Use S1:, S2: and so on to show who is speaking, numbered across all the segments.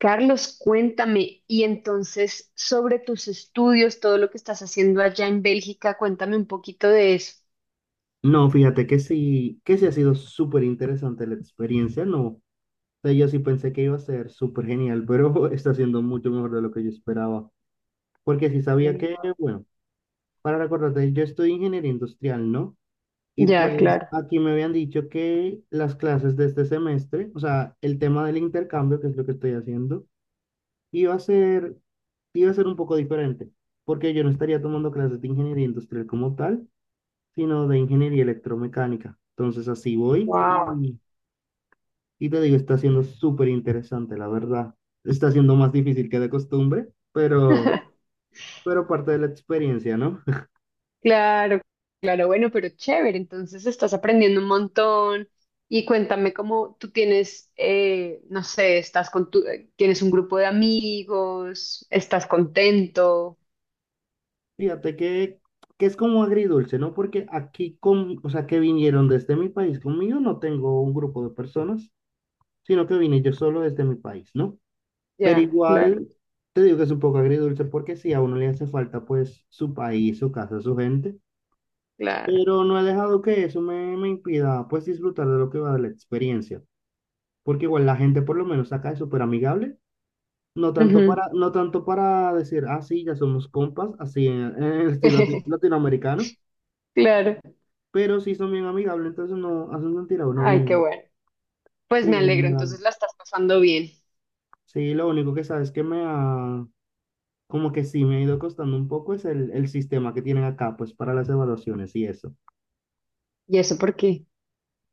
S1: Carlos, cuéntame, y entonces sobre tus estudios, todo lo que estás haciendo allá en Bélgica, cuéntame un poquito de eso.
S2: No, fíjate que sí ha sido súper interesante la experiencia, no. O sea, yo sí pensé que iba a ser súper genial, pero está siendo mucho mejor de lo que yo esperaba. Porque sí sabía
S1: Bien,
S2: que,
S1: no.
S2: bueno, para recordarte, yo estudio ingeniería industrial, ¿no? Y
S1: Ya,
S2: pues
S1: claro.
S2: aquí me habían dicho que las clases de este semestre, o sea, el tema del intercambio, que es lo que estoy haciendo, iba a ser, iba a ser un poco diferente, porque yo no estaría tomando clases de ingeniería industrial como tal, sino de ingeniería electromecánica. Entonces así voy
S1: Wow.
S2: y te digo, está siendo súper interesante, la verdad. Está siendo más difícil que de costumbre, pero parte de la experiencia, ¿no?
S1: Claro, claro, bueno, pero chévere, entonces estás aprendiendo un montón y cuéntame cómo tú tienes, no sé, estás con tu, tienes un grupo de amigos, estás contento.
S2: Fíjate que es como agridulce, ¿no? Porque aquí, con, o sea, que vinieron desde mi país conmigo, no tengo un grupo de personas, sino que vine yo solo desde mi país, ¿no? Pero
S1: Ya, claro,
S2: igual, te digo que es un poco agridulce porque si a uno le hace falta, pues, su país, su casa, su gente.
S1: claro.
S2: Pero no he dejado que eso me impida pues disfrutar de lo que va de la experiencia. Porque igual la gente por lo menos acá es súper amigable.
S1: Ujú.
S2: No tanto para decir, ah, sí, ya somos compas, así en el estilo latinoamericano,
S1: Claro.
S2: pero sí son bien amigables, entonces no hacen sentir a uno
S1: Ay, qué
S2: bien.
S1: bueno.
S2: Sí,
S1: Pues me
S2: en
S1: alegro,
S2: general.
S1: entonces la estás pasando bien.
S2: Sí, lo único que sabes que me ha, como que sí me ha ido costando un poco es el sistema que tienen acá, pues para las evaluaciones y eso.
S1: ¿Y eso por qué?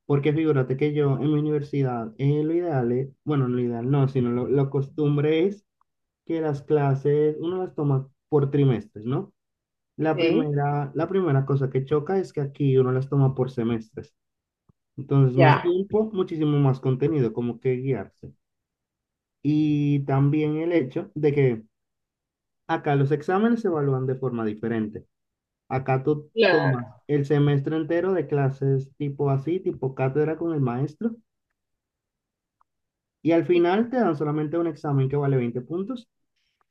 S2: Porque figúrate que yo en mi universidad, lo ideal es, bueno, no lo ideal no, sino lo costumbre es que las clases uno las toma por trimestres, ¿no?
S1: ¿Eh?
S2: La primera cosa que choca es que aquí uno las toma por semestres. Entonces, más
S1: Ya.
S2: tiempo, muchísimo más contenido, como que guiarse. Y también el hecho de que acá los exámenes se evalúan de forma diferente. Acá tú
S1: Claro.
S2: tomas el semestre entero de clases tipo así, tipo cátedra con el maestro. Y al final te dan solamente un examen que vale 20 puntos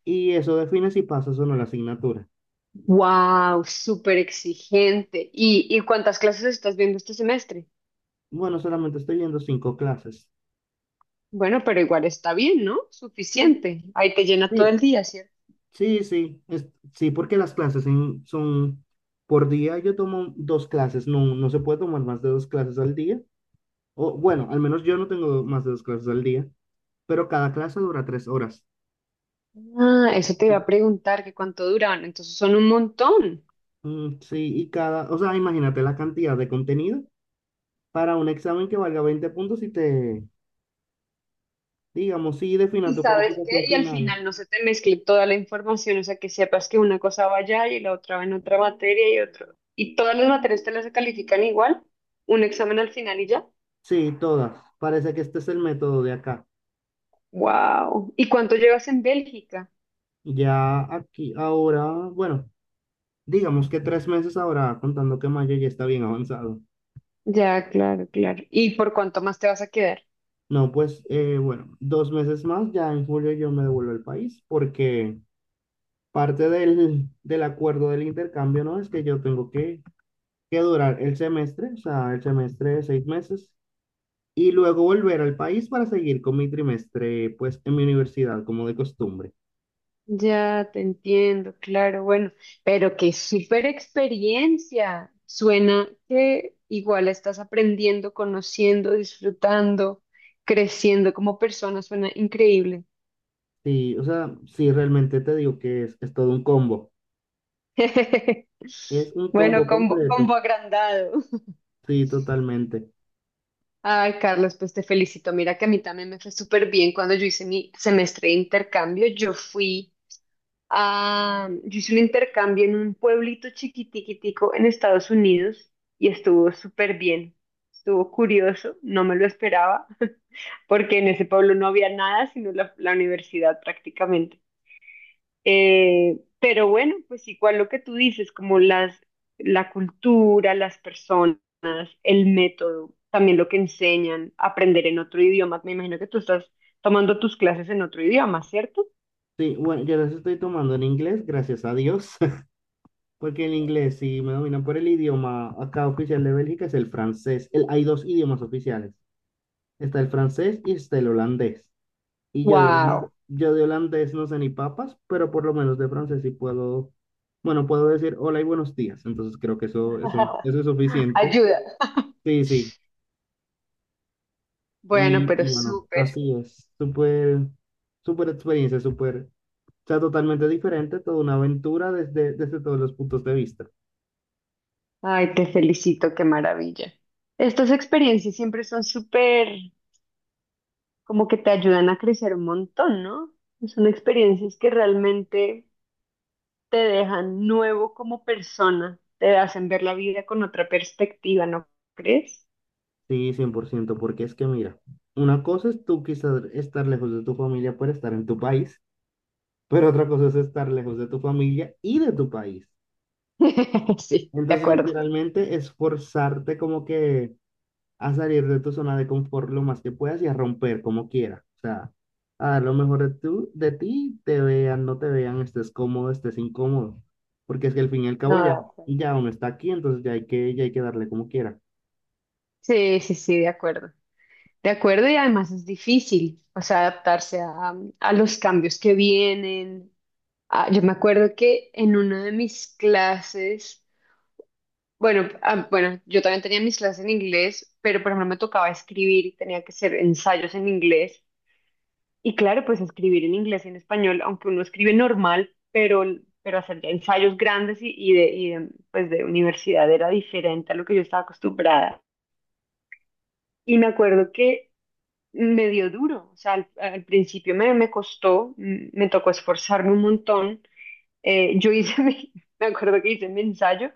S2: y eso define si pasas o no la asignatura.
S1: Wow, súper exigente. ¿Y, cuántas clases estás viendo este semestre?
S2: Bueno, solamente estoy viendo cinco clases.
S1: Bueno, pero igual está bien, ¿no?
S2: Sí,
S1: Suficiente. Ahí te llena todo
S2: sí,
S1: el día, ¿cierto?
S2: sí, sí, es- sí, porque son por día. Yo tomo dos clases, no, no se puede tomar más de dos clases al día. O bueno, al menos yo no tengo más de dos clases al día, pero cada clase dura 3 horas.
S1: Ah, eso te iba
S2: Y,
S1: a preguntar que cuánto duraban. Entonces son un montón.
S2: sí, y cada, o sea, imagínate la cantidad de contenido para un examen que valga 20 puntos y te, digamos, sí, defina
S1: Y
S2: tu
S1: sabes qué,
S2: calificación
S1: y al
S2: final.
S1: final no se te mezcle toda la información, o sea, que sepas que una cosa va allá y la otra va en otra materia y otro. Y todas las materias te las califican igual, un examen al final y ya.
S2: Sí, todas. Parece que este es el método de acá.
S1: Wow. ¿Y cuánto llevas en Bélgica?
S2: Ya aquí, ahora, bueno, digamos que 3 meses ahora, contando que mayo ya está bien avanzado.
S1: Ya, claro, claro. ¿Y por cuánto más te vas a quedar?
S2: No, pues, bueno, 2 meses más, ya en julio yo me devuelvo al país, porque parte del acuerdo del intercambio, ¿no? Es que yo tengo que durar el semestre, o sea, el semestre de 6 meses, y luego volver al país para seguir con mi trimestre, pues, en mi universidad, como de costumbre.
S1: Ya, te entiendo, claro, bueno, pero qué súper experiencia. Suena que igual estás aprendiendo, conociendo, disfrutando, creciendo como persona, suena increíble.
S2: Sí, o sea, sí, realmente te digo que es todo un combo. Es un
S1: Bueno,
S2: combo
S1: combo, combo
S2: completo.
S1: agrandado.
S2: Sí, totalmente.
S1: Ay, Carlos, pues te felicito. Mira que a mí también me fue súper bien cuando yo hice mi semestre de intercambio. Yo fui a, yo hice un intercambio en un pueblito chiquitiquitico en Estados Unidos y estuvo súper bien. Estuvo curioso, no me lo esperaba, porque en ese pueblo no había nada, sino la universidad prácticamente. Pero bueno, pues igual lo que tú dices, como la cultura, las personas, el método, también lo que enseñan, aprender en otro idioma. Me imagino que tú estás tomando tus clases en otro idioma, ¿cierto?
S2: Sí, bueno, yo las estoy tomando en inglés, gracias a Dios, porque el inglés sí me domina por el idioma acá oficial de Bélgica, es el francés. El- hay dos idiomas oficiales. Está el francés y está el holandés. Y
S1: Wow.
S2: yo de holandés no sé ni papas, pero por lo menos de francés sí puedo, bueno, puedo decir hola y buenos días. Entonces creo que eso es suficiente.
S1: Ayuda.
S2: Sí, sí.
S1: Bueno,
S2: Y,
S1: pero
S2: y bueno,
S1: súper.
S2: así es, súper, súper experiencia, súper, o sea, totalmente diferente, toda una aventura desde todos los puntos de vista.
S1: Ay, te felicito, qué maravilla. Estas experiencias siempre son súper, como que te ayudan a crecer un montón, ¿no? Son experiencias que realmente te dejan nuevo como persona, te hacen ver la vida con otra perspectiva, ¿no crees?
S2: Sí, 100% porque es que mira, una cosa es tú quizás estar lejos de tu familia por estar en tu país, pero otra cosa es estar lejos de tu familia y de tu país.
S1: Sí, de
S2: Entonces,
S1: acuerdo.
S2: literalmente, esforzarte como que a salir de tu zona de confort lo más que puedas y a romper como quieras. O sea, a dar lo mejor de, tú, de ti, te vean, no te vean, estés cómodo, estés incómodo. Porque es que al fin y al cabo
S1: No, de acuerdo.
S2: ya uno está aquí, entonces ya ya hay que darle como quiera.
S1: Sí, sí, sí, de acuerdo. De acuerdo, y además es difícil, o sea, adaptarse a los cambios que vienen. Ah, yo me acuerdo que en una de mis clases, bueno, ah, bueno, yo también tenía mis clases en inglés, pero por ejemplo me tocaba escribir y tenía que hacer ensayos en inglés. Y claro, pues escribir en inglés y en español, aunque uno escribe normal, pero hacer ya ensayos grandes pues de universidad era diferente a lo que yo estaba acostumbrada. Y me acuerdo que me dio duro, o sea, al principio me costó, me tocó esforzarme un montón. Yo hice me acuerdo que hice mi ensayo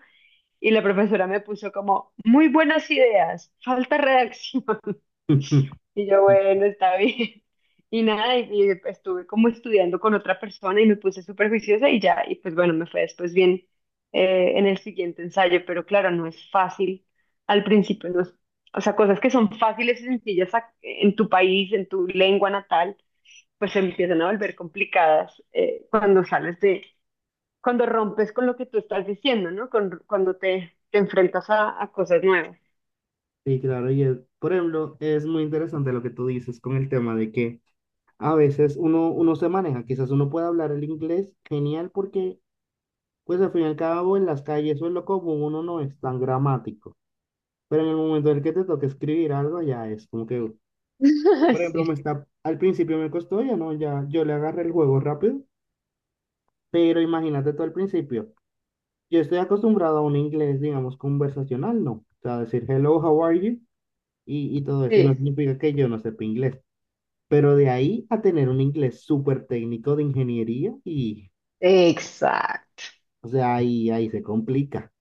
S1: y la profesora me puso como, muy buenas ideas, falta redacción. Y yo, bueno, está bien. Y nada, y estuve como estudiando con otra persona y me puse súper juiciosa y ya, y pues bueno, me fue después bien en el siguiente ensayo, pero claro, no es fácil al principio, no es- o sea, cosas que son fáciles y sencillas ac- en tu país, en tu lengua natal, pues se empiezan a volver complicadas cuando sales de, cuando rompes con lo que tú estás diciendo, ¿no? Con- cuando te enfrentas a cosas nuevas.
S2: Sí, claro, y es- por ejemplo, es muy interesante lo que tú dices con el tema de que a veces uno se maneja, quizás uno pueda hablar el inglés genial porque, pues al fin y al cabo, en las calles o en lo común uno no es tan gramático. Pero en el momento en el que te toque escribir algo, ya es como que, por ejemplo, me
S1: Sí.
S2: está, al principio me costó, ya no, ya yo le agarré el juego rápido, pero imagínate tú al principio, yo estoy acostumbrado a un inglés, digamos, conversacional, ¿no? O sea, decir hello, how are you? Y todo eso, y no
S1: Sí,
S2: significa que yo no sepa inglés, pero de ahí a tener un inglés súper técnico de ingeniería y,
S1: exacto.
S2: o sea, ahí se complica,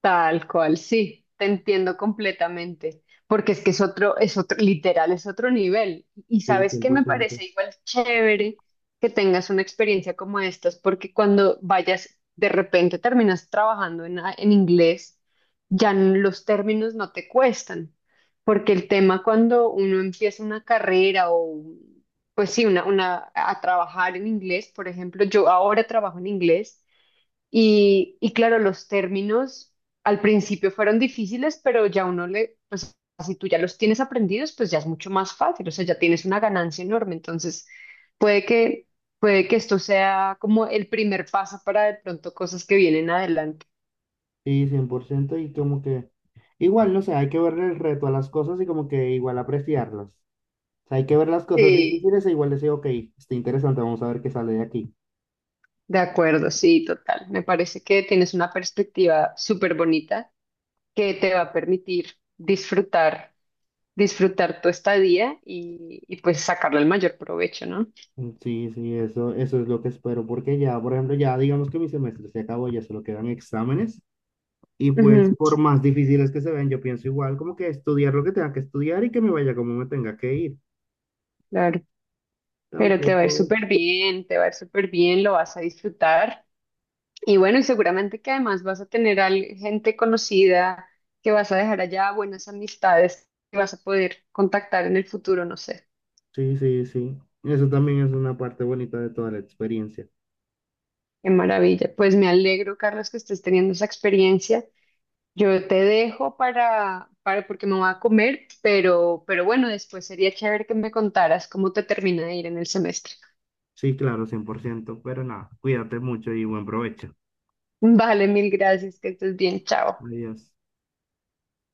S1: Tal cual, sí, te entiendo completamente, porque es que es otro, literal, es otro nivel. Y
S2: sí,
S1: sabes
S2: cien
S1: que
S2: por
S1: me
S2: ciento,
S1: parece igual chévere que tengas una experiencia como estas, porque cuando vayas, de repente terminas trabajando en, a- en inglés, ya n- los términos no te cuestan, porque el tema cuando uno empieza una carrera o, pues sí, una, a trabajar en inglés, por ejemplo, yo ahora trabajo en inglés. Y claro, los términos al principio fueron difíciles, pero ya uno le, pues si tú ya los tienes aprendidos, pues ya es mucho más fácil, o sea, ya tienes una ganancia enorme. Entonces, puede que, puede que esto sea como el primer paso para de pronto cosas que vienen adelante.
S2: sí, 100% y como que... Igual, no sé, hay que ver el reto a las cosas y como que igual apreciarlas. Sea, hay que ver las cosas
S1: Sí.
S2: difíciles e igual decir, ok, está interesante, vamos a ver qué sale de aquí.
S1: De acuerdo, sí, total. Me parece que tienes una perspectiva súper bonita que te va a permitir disfrutar, disfrutar tu estadía y pues sacarle el mayor provecho, ¿no?
S2: Sí, sí, eso es lo que espero, porque ya, por ejemplo, ya digamos que mi semestre se acabó, ya solo quedan exámenes, y pues
S1: Ujú,
S2: por más difíciles que se ven, yo pienso igual, como que estudiar lo que tenga que estudiar y que me vaya como me tenga que ir.
S1: claro. Pero te va a ir
S2: Tampoco,
S1: súper bien, te va a ir súper bien, lo vas a disfrutar. Y bueno, y seguramente que además vas a tener al- gente conocida que vas a dejar allá, buenas amistades que vas a poder contactar en el futuro, no sé.
S2: sí, sí, sí. Eso también es una parte bonita de toda la experiencia.
S1: Qué maravilla. Pues me alegro, Carlos, que estés teniendo esa experiencia. Yo te dejo para porque me voy a comer, pero bueno, después sería chévere que me contaras cómo te termina de ir en el semestre.
S2: Sí, claro, 100%, pero nada, cuídate mucho y buen provecho.
S1: Vale, mil gracias, que estés bien, chao.
S2: Adiós.